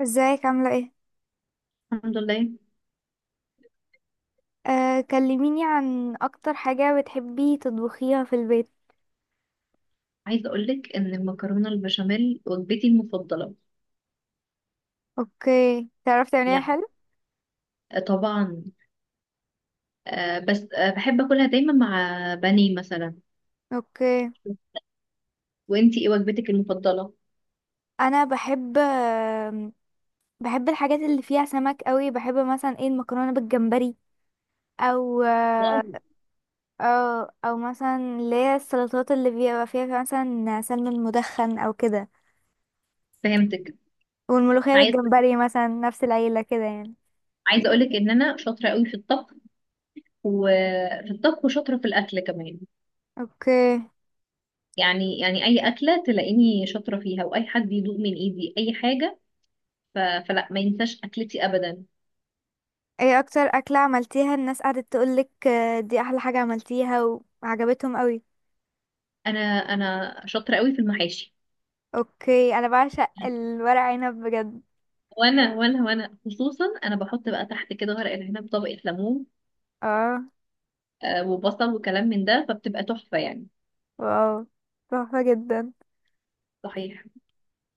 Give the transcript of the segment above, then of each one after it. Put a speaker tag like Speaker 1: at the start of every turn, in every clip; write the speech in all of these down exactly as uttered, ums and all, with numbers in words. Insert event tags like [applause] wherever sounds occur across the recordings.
Speaker 1: ازيك عاملة ايه؟
Speaker 2: الحمد لله.
Speaker 1: آه، كلميني عن اكتر حاجة بتحبي تطبخيها في البيت.
Speaker 2: عايزة أقولك إن المكرونة البشاميل وجبتي المفضلة.
Speaker 1: اوكي، تعرفي تعمليها
Speaker 2: يعني
Speaker 1: حلو؟
Speaker 2: طبعا. آه بس آه بحب أكلها دايما مع بانيه مثلا.
Speaker 1: اوكي.
Speaker 2: وإنتي إيه وجبتك المفضلة؟
Speaker 1: انا بحب آم، بحب الحاجات اللي فيها سمك قوي. بحب مثلا ايه؟ المكرونة بالجمبري، او
Speaker 2: واو.
Speaker 1: آه، او او مثلا اللي هي السلطات اللي بيبقى فيها مثلا سلمون مدخن او كده.
Speaker 2: فهمتك.
Speaker 1: والملوخية
Speaker 2: عايز
Speaker 1: بالجمبري مثلا، نفس العيلة كده يعني.
Speaker 2: عايزة أقولك إن أنا شاطرة قوي في الطبخ، وفي الطبخ وشاطرة في الأكل كمان.
Speaker 1: اوكي.
Speaker 2: يعني يعني أي أكلة تلاقيني شاطرة فيها، وأي حد يدوق من إيدي أي حاجة، ف... فلا ما ينساش أكلتي أبدا.
Speaker 1: ايه اكتر اكلة عملتيها الناس قعدت تقولك آه، دي احلى حاجة عملتيها وعجبتهم قوي؟
Speaker 2: أنا أنا شاطرة قوي في المحاشي.
Speaker 1: اوكي، انا بعشق الورق عنب بجد.
Speaker 2: وانا وانا وانا خصوصا انا بحط بقى تحت كده ورق العنب طبقة ليمون،
Speaker 1: اه.
Speaker 2: آه، وبصل وكلام من ده، فبتبقى تحفة يعني.
Speaker 1: واو، تحفة جدا.
Speaker 2: صحيح.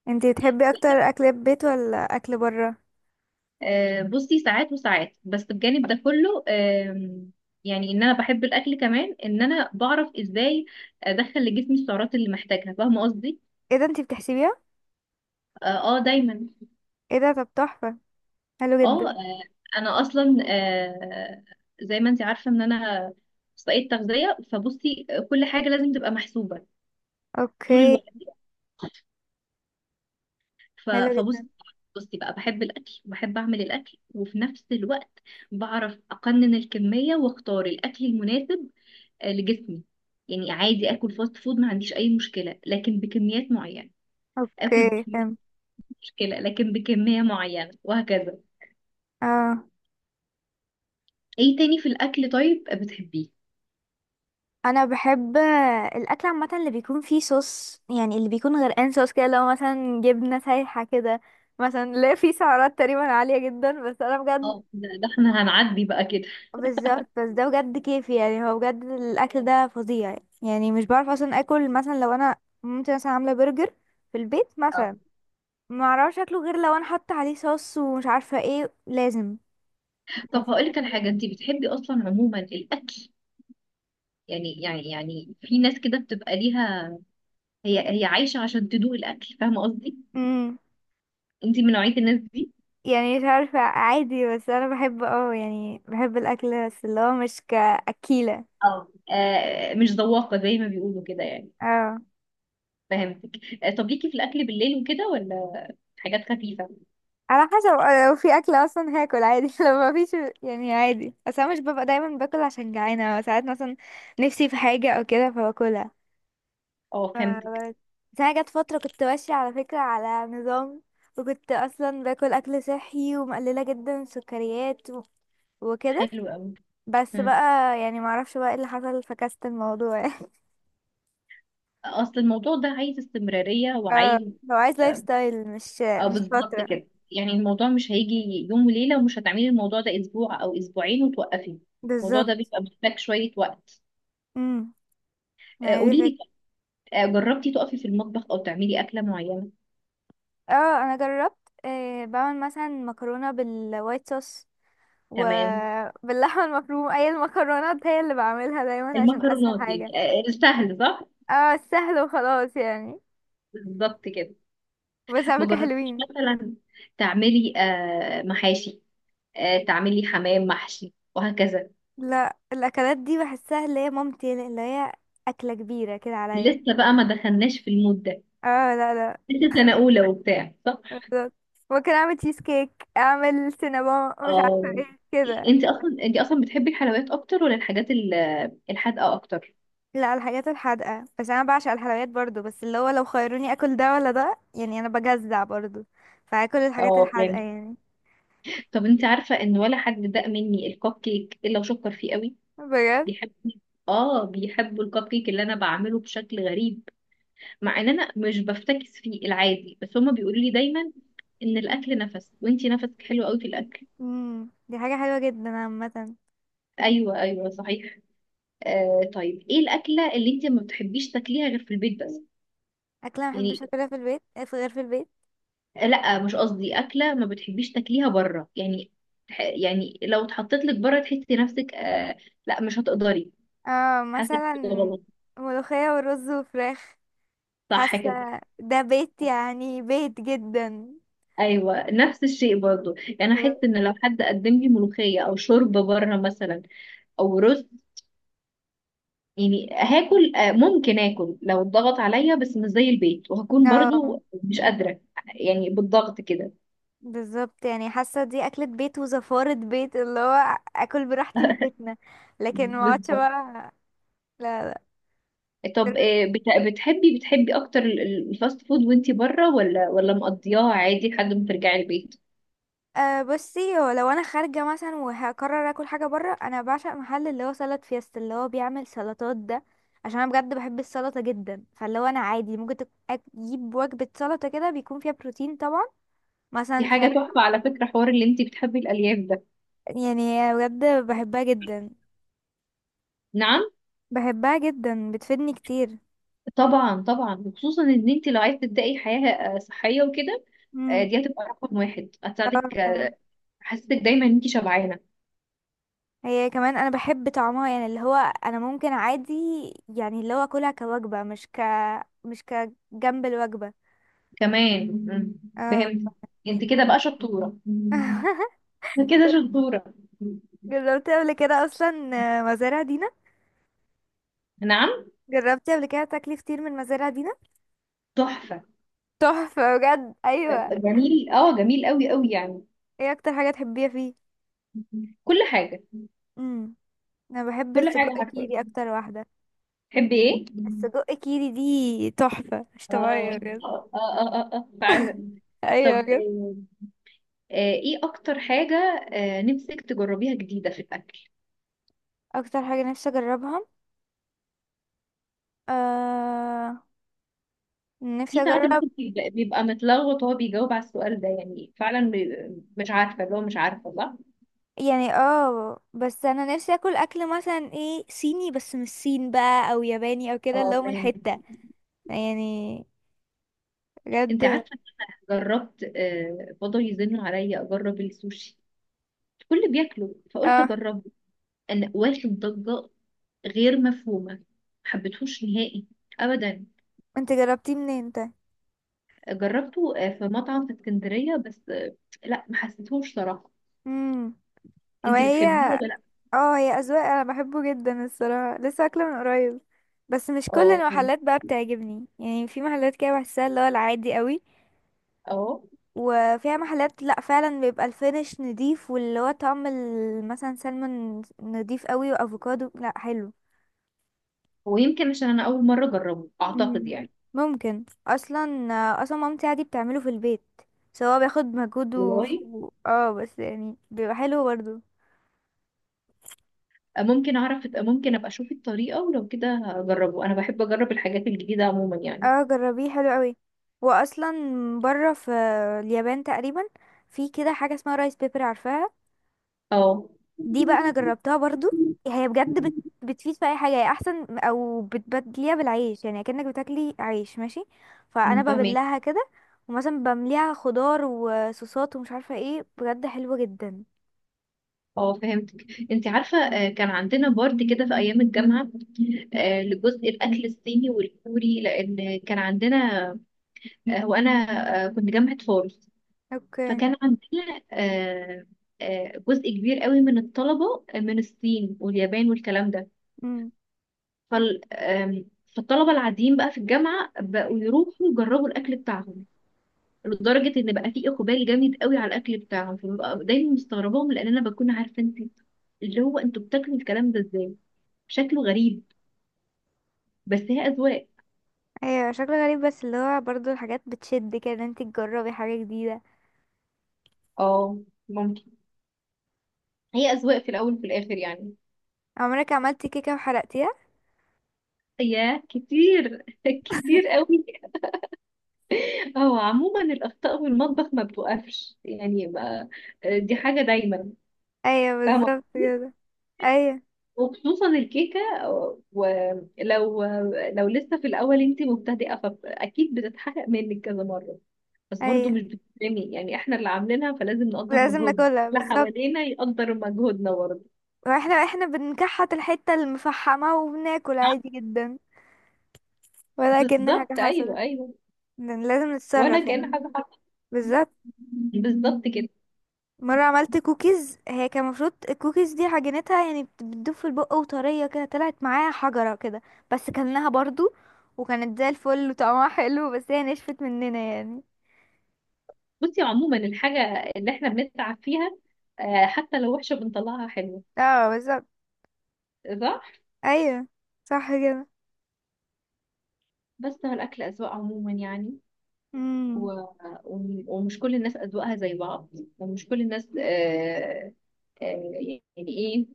Speaker 1: انتي بتحبي اكتر اكل بيت ولا اكل برا؟
Speaker 2: آه، بصي، ساعات وساعات، بس بجانب ده كله آم، يعني ان انا بحب الاكل، كمان ان انا بعرف ازاي ادخل لجسمي السعرات اللي محتاجها. فاهمة قصدي؟
Speaker 1: ايه ده، انتي بتحسبيها؟
Speaker 2: اه، آه، دايما.
Speaker 1: ايه ده، طب تحفة، حلو
Speaker 2: اه، آه،
Speaker 1: جدا.
Speaker 2: انا اصلا آه، زي ما انت عارفة ان انا اخصائية تغذية، فبصي كل حاجة لازم تبقى محسوبة طول
Speaker 1: اوكي.
Speaker 2: الوقت. ف-
Speaker 1: حلو
Speaker 2: فبص
Speaker 1: جدا.
Speaker 2: بصي بقى، بحب الاكل وبحب اعمل الاكل، وفي نفس الوقت بعرف اقنن الكميه واختار الاكل المناسب آه، لجسمي. يعني عادي اكل فاست فود، ما عنديش اي مشكله، لكن بكميات معينه. اكل
Speaker 1: اوكي،
Speaker 2: بكميات،
Speaker 1: فهمت.
Speaker 2: مشكله لكن بكميه معينه، وهكذا.
Speaker 1: اه.
Speaker 2: ايه تاني في الاكل طيب بتحبيه؟
Speaker 1: انا بحب الاكل عامة اللي بيكون فيه صوص، يعني اللي بيكون غرقان صوص كده، لو مثلا جبنة سايحة كده مثلا. لا فيه سعرات تقريبا عالية جدا، بس انا بجد.
Speaker 2: اه، ده ده احنا هنعدي بقى كده.
Speaker 1: بالظبط، بس ده بجد كيفي. يعني هو بجد الاكل ده فظيع يعني. مش بعرف اصلا اكل مثلا لو انا ممكن مثلا عامله برجر في البيت
Speaker 2: آه.
Speaker 1: مثلا، ما اعرفش اكله غير لو انا حاطه عليه صوص ومش عارفه ايه، لازم [laughs]
Speaker 2: طب
Speaker 1: يعني
Speaker 2: هقول
Speaker 1: فاكهة
Speaker 2: لك على
Speaker 1: كده.
Speaker 2: حاجه، انت بتحبي اصلا عموما الاكل، يعني يعني يعني في ناس كده بتبقى ليها، هي هي عايشه عشان تدوق الاكل. فاهمه قصدي؟
Speaker 1: امم.
Speaker 2: انتي من نوعية الناس دي؟
Speaker 1: يعني مش عارفه، عادي، بس انا بحب، اه يعني بحب الاكل، بس اللي هو مش كاكيله.
Speaker 2: اه، آه مش ذواقة زي ما بيقولوا كده يعني.
Speaker 1: اه.
Speaker 2: فهمتك. آه طب، ليكي في الأكل بالليل وكده، ولا حاجات خفيفة؟
Speaker 1: على حسب، آه، لو في اكل اصلا هاكل عادي [laughs] لو ما فيش يعني عادي. بس انا مش ببقى دايما باكل عشان جعانه، ساعات مثلا نفسي في حاجه او كده فباكلها.
Speaker 2: اه
Speaker 1: ف-
Speaker 2: فهمتك.
Speaker 1: بس انا جت فتره كنت ماشيه على فكره على نظام، وكنت اصلا باكل اكل صحي ومقلله جدا السكريات و... وكده.
Speaker 2: حلو أوي.
Speaker 1: بس بقى
Speaker 2: مم.
Speaker 1: يعني ما اعرفش بقى ايه اللي حصل، فكست الموضوع [laughs]
Speaker 2: أصل الموضوع ده عايز استمرارية
Speaker 1: اه،
Speaker 2: وعايز.
Speaker 1: هو عايز لايف
Speaker 2: اه،
Speaker 1: ستايل، مش
Speaker 2: آه،
Speaker 1: مش
Speaker 2: بالظبط
Speaker 1: فتره.
Speaker 2: كده. يعني الموضوع مش هيجي يوم وليلة، ومش هتعملي الموضوع ده أسبوع أو أسبوعين وتوقفي. الموضوع
Speaker 1: بالظبط.
Speaker 2: ده بيبقى محتاج شوية وقت.
Speaker 1: امم، ما
Speaker 2: آه
Speaker 1: هي دي
Speaker 2: قوليلي.
Speaker 1: فكرة.
Speaker 2: آه جربتي تقفي في المطبخ أو تعملي أكلة معينة؟
Speaker 1: اه، انا جربت. آه، بعمل مثلا مكرونه بالوايت صوص
Speaker 2: تمام.
Speaker 1: وباللحمه المفرومه. اي المكرونات هي اللي بعملها دايما عشان اسهل
Speaker 2: المكرونات يعني.
Speaker 1: حاجه.
Speaker 2: آه آه، سهل صح.
Speaker 1: اه سهل وخلاص يعني.
Speaker 2: بالظبط كده.
Speaker 1: بس
Speaker 2: ما
Speaker 1: على فكرة
Speaker 2: جربتيش
Speaker 1: حلوين.
Speaker 2: مثلا تعملي آه، محاشي، آه، تعملي حمام محشي وهكذا؟
Speaker 1: لا الاكلات دي بحسها اللي هي مامتي، اللي هي اكلة كبيرة كده عليا.
Speaker 2: لسه بقى ما دخلناش في المود ده.
Speaker 1: اه لا لا.
Speaker 2: لسه سنة أولى وبتاع صح؟
Speaker 1: بالظبط. ممكن اعمل تشيز كيك، اعمل سينابون، مش عارفة
Speaker 2: اه.
Speaker 1: ايه كده.
Speaker 2: انت اصلا انت اصلا بتحبي الحلويات اكتر، ولا الحاجات ال- الحادقة اكتر؟
Speaker 1: لا الحاجات الحادقة، بس انا بعشق الحلويات برضو. بس اللي هو لو خيروني اكل ده ولا ده يعني انا بجزع برضو، فاكل الحاجات
Speaker 2: اه
Speaker 1: الحادقة
Speaker 2: فهمت.
Speaker 1: يعني
Speaker 2: طب انت عارفة ان ولا حد داق مني الكب كيك الا وشكر فيه قوي.
Speaker 1: بجد.
Speaker 2: بيحب. اه، بيحبوا الكب كيك اللي انا بعمله بشكل غريب، مع ان انا مش بفتكس فيه العادي، بس هما بيقولوا لي دايما ان الاكل نفس وانتي نفسك حلو قوي في الاكل.
Speaker 1: امم، دي حاجة حلوة جدا عامة.
Speaker 2: ايوه، ايوه، صحيح. آه طيب، ايه الاكله اللي انتي ما بتحبيش تاكليها غير في البيت بس؟
Speaker 1: اكلة ما بحبش
Speaker 2: يعني.
Speaker 1: اكلها في البيت غير في البيت؟
Speaker 2: لا، مش قصدي اكله ما بتحبيش تاكليها بره يعني. تح- يعني لو اتحطيت لك بره تحسي نفسك آه لا مش هتقدري،
Speaker 1: اه
Speaker 2: حاسه إنك
Speaker 1: مثلا
Speaker 2: كده غلط.
Speaker 1: ملوخية ورز وفراخ.
Speaker 2: صح
Speaker 1: حاسة
Speaker 2: كده.
Speaker 1: ده بيت يعني، بيت جدا.
Speaker 2: ايوه، نفس الشيء برضو. يعني احس ان لو حد قدم لي ملوخيه او شوربه بره مثلا، او رز، يعني هاكل آه، ممكن اكل لو اتضغط عليا، بس مش زي البيت، وهكون
Speaker 1: اه
Speaker 2: برضو مش قادرة. يعني بالضغط كده.
Speaker 1: بالظبط، يعني حاسة دي أكلة بيت وزفارة بيت اللي هو أكل براحتي في بيتنا، لكن ما اقعدش
Speaker 2: بالضبط.
Speaker 1: بقى. لا.
Speaker 2: طب
Speaker 1: دل-
Speaker 2: آه، بت- بتحبي بتحبي اكتر ال- ال- الفاست فود وانتي بره، ولا ولا مقضياها عادي لحد ما ترجعي البيت؟
Speaker 1: أه بصي، هو لو أنا خارجة مثلا وهقرر أكل حاجة برا، أنا بعشق محل اللي هو سلطة فيست اللي هو بيعمل سلطات ده، عشان أنا بجد بحب السلطة جدا. فاللي هو أنا عادي ممكن تك- أجيب وجبة سلطة كده بيكون فيها بروتين طبعا،
Speaker 2: دي
Speaker 1: مثلا
Speaker 2: حاجة
Speaker 1: فراخ.
Speaker 2: تحفة على فكرة، حوار اللي انتي بتحبي الالياف ده.
Speaker 1: يعني بجد بحبها جدا.
Speaker 2: نعم.
Speaker 1: بحبها جدا بتفيدني كتير.
Speaker 2: طبعا طبعا، وخصوصا ان انتي لو عايزة تبدأي حياة آه، صحية وكده، آه،
Speaker 1: امم.
Speaker 2: دي هتبقى رقم واحد،
Speaker 1: اه
Speaker 2: هتساعدك.
Speaker 1: طبعا.
Speaker 2: آه، حاسسك دايما ان انتي شبعانة.
Speaker 1: هي كمان انا بحب طعمها، يعني اللي هو انا ممكن عادي يعني اللي هو اكلها كوجبة، مش ك مش كجنب الوجبة.
Speaker 2: كمان. مم.
Speaker 1: اه
Speaker 2: فهمت. انت كده بقى شطورة.
Speaker 1: [laughs]
Speaker 2: انت كده شطورة.
Speaker 1: جربتي قبل كده اصلا مزارع دينا؟
Speaker 2: نعم.
Speaker 1: جربتي قبل كده تاكلي فطير من مزارع دينا؟
Speaker 2: تحفة.
Speaker 1: تحفة بجد، ايوه.
Speaker 2: جميل، اه، جميل قوي قوي يعني.
Speaker 1: ايه اكتر حاجة تحبيها فيه؟
Speaker 2: كل حاجة.
Speaker 1: امم، انا بحب
Speaker 2: كل حاجة،
Speaker 1: السجق
Speaker 2: عارفة
Speaker 1: كيري اكتر واحدة.
Speaker 2: تحبي ايه.
Speaker 1: السجق كيري دي تحفة، مش
Speaker 2: اه،
Speaker 1: طبيعية بجد.
Speaker 2: اه، اه، اه، آه، فعلا.
Speaker 1: ايوه
Speaker 2: طب
Speaker 1: بجد.
Speaker 2: آه، آه، ايه اكتر حاجة آه، نفسك تجربيها جديدة في الاكل؟
Speaker 1: اكتر حاجة نفسي اجربها؟ آه، نفسي
Speaker 2: في ساعات
Speaker 1: اجرب،
Speaker 2: الواحد بيبقى، بيبقى متلخبط وهو بيجاوب على السؤال ده، يعني فعلا بي- مش عارفة اللي هو مش عارفة صح.
Speaker 1: يعني اه. بس انا نفسي اكل اكل مثلا ايه، صيني بس مش صين بقى، او ياباني او كده اللي هو
Speaker 2: اه
Speaker 1: من
Speaker 2: فهمت.
Speaker 1: الحتة يعني،
Speaker 2: انت
Speaker 1: بجد.
Speaker 2: عارفة، جربت، آه، فضل يزن عليا اجرب السوشي، الكل بياكله فقلت
Speaker 1: اه.
Speaker 2: اجربه. انا واخد ضجة غير مفهومة، ما حبيتهوش نهائي ابدا.
Speaker 1: انت جربتيه منين انت؟
Speaker 2: جربته آه، في مطعم في اسكندرية، بس آه، لا ما حسيتهوش صراحة.
Speaker 1: امم. هو
Speaker 2: انتي
Speaker 1: هي.
Speaker 2: بتحبيه ولا لا؟
Speaker 1: اه هي اذواق، انا بحبه جدا الصراحة، لسه اكله من قريب. بس مش كل
Speaker 2: اه فهمت.
Speaker 1: المحلات بقى بتعجبني. يعني في محلات كده بحسها اللي هو العادي قوي،
Speaker 2: اه.
Speaker 1: وفيها محلات لا فعلا بيبقى الفينش نضيف، واللي هو طعم ال- مثلا سلمون نضيف قوي، وافوكادو، لا حلو.
Speaker 2: ويمكن عشان انا اول مرة اجربه اعتقد
Speaker 1: مم.
Speaker 2: يعني.
Speaker 1: ممكن اصلا. اصلا مامتي عادي بتعمله في البيت. سواء بياخد مجهود و...
Speaker 2: والله
Speaker 1: و- اه بس يعني بيبقى حلو برضو.
Speaker 2: آه، ممكن اعرف، ممكن ابقى اشوف الطريقة، ولو كده هجربه. انا بحب اجرب الحاجات الجديدة عموما يعني.
Speaker 1: اه جربيه، حلو قوي. واصلا بره في اليابان تقريبا في كده حاجه اسمها رايس بيبر، عارفاها؟
Speaker 2: اه.
Speaker 1: دي بقى انا جربتها برضو. هي بجد بت... بتفيد في اي حاجه. هي احسن، او بتبدليها بالعيش، يعني كأنك بتاكلي عيش ماشي. فانا
Speaker 2: أنا فاهمك.
Speaker 1: ببلها كده، ومثلا بمليها خضار وصوصات ومش عارفه ايه، بجد حلوه جدا.
Speaker 2: اه فهمتك. انت عارفه آه، كان عندنا بورد كده في ايام الجامعه، آه، لجزء الاكل الصيني والكوري، لان كان عندنا آه، وانا آه، كنت جامعه فاروس.
Speaker 1: اوكي.
Speaker 2: فكان عندنا آه، آه، جزء كبير قوي من الطلبه آه، من الصين واليابان والكلام ده.
Speaker 1: امم.
Speaker 2: فال آم، فالطلبه العاديين بقى في الجامعه بقوا يروحوا يجربوا الاكل بتاعهم، لدرجه ان بقى في اقبال جامد قوي على الاكل بتاعهم، فببقى دايما مستغرباهم، لان انا بكون عارفه انت اللي هو انتوا بتاكلوا الكلام ده ازاي. شكله غريب. بس هي اذواق.
Speaker 1: ايوه شكله غريب، بس اللي هو برضو الحاجات بتشد كده ان انت تجربي حاجه جديده.
Speaker 2: اه، ممكن. هي أذواق في الأول وفي الآخر يعني.
Speaker 1: عمرك عملتي كيكه وحرقتيها؟
Speaker 2: يا كتير [laughs] كتير قوي. هو عموما الاخطاء في المطبخ ما بتوقفش، يعني ما، دي حاجه دايما.
Speaker 1: ايوه
Speaker 2: فاهمة.
Speaker 1: بالظبط كده. ايوه
Speaker 2: وخصوصا الكيكه، ولو لو لسه في الاول انت مبتدئه فاكيد بتتحقق منك كذا مره. بس برضو
Speaker 1: ايوه،
Speaker 2: مش بتتعمل، يعني احنا اللي عاملينها، فلازم نقدر
Speaker 1: لازم
Speaker 2: مجهودنا،
Speaker 1: ناكلها
Speaker 2: اللي
Speaker 1: بالظبط.
Speaker 2: حوالينا يقدر مجهودنا برضه.
Speaker 1: واحنا احنا بنكحت الحته المفحمه وبناكل عادي جدا ولا كأن حاجة
Speaker 2: بالظبط، ايوه
Speaker 1: حصلت.
Speaker 2: ايوه.
Speaker 1: ن- لازم
Speaker 2: ولا
Speaker 1: نتصرف يعني.
Speaker 2: كأن حاجه حصلت.
Speaker 1: بالظبط.
Speaker 2: بالظبط كده.
Speaker 1: مرة عملت كوكيز، هي كان المفروض الكوكيز دي عجينتها يعني بت- بتدوب في البق وطرية كده، طلعت معايا حجرة كده. بس كلناها برضو، وكانت زي الفل وطعمها حلو، بس هي نشفت مننا يعني.
Speaker 2: بصي عموما، الحاجه اللي احنا بنتعب فيها آه، حتى لو وحشه بنطلعها حلوه.
Speaker 1: اه بالظبط.
Speaker 2: صح.
Speaker 1: ايوه صح كده.
Speaker 2: بس هو الاكل اذواق عموما يعني. و...
Speaker 1: امم.
Speaker 2: وم- ومش كل الناس اذواقها زي بعض، ومش كل الناس آه، آه، يعني ايه،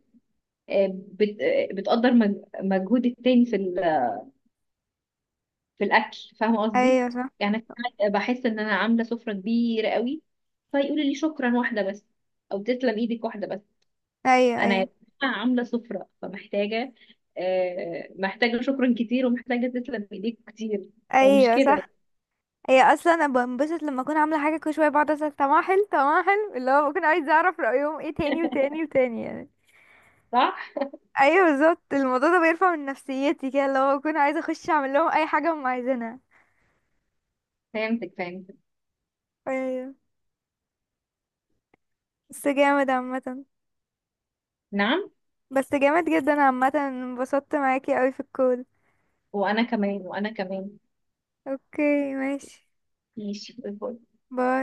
Speaker 2: آه، بت... آه، بتقدر مج- مجهود التاني في ال... في الاكل. فاهمه قصدي؟
Speaker 1: ايوه صح.
Speaker 2: يعني أنا ساعات بحس ان انا عامله سفره كبيره قوي، فيقولوا لي شكرا واحده بس، او تسلم ايدك واحده بس.
Speaker 1: ايوه
Speaker 2: انا يا
Speaker 1: ايوه.
Speaker 2: جماعة عامله سفره، فمحتاجه آه، محتاجه شكرا كتير، ومحتاجه تسلم ايديك كتير. فمش
Speaker 1: ايوه
Speaker 2: كده
Speaker 1: صح. هي اصلا انا بنبسط لما اكون عامله حاجه، كل شويه بقعد اسال طعمها حلو، طعمها حلو، اللي هو بكون عايزه اعرف رايهم ايه، تاني وتاني وتاني يعني.
Speaker 2: صح.
Speaker 1: ايوه بالظبط، الموضوع ده بيرفع من نفسيتي كده، اللي هو بكون عايزه اخش اعمل لهم اي حاجه هم عايزينها.
Speaker 2: فهمتك، فهمتك.
Speaker 1: ايوه. بس جامد عامه.
Speaker 2: نعم.
Speaker 1: بس جامد جدا عامه، انبسطت معاكي قوي في الكول.
Speaker 2: وانا كمان، وانا كمان.
Speaker 1: اوكي ماشي.
Speaker 2: ماشي.
Speaker 1: باي.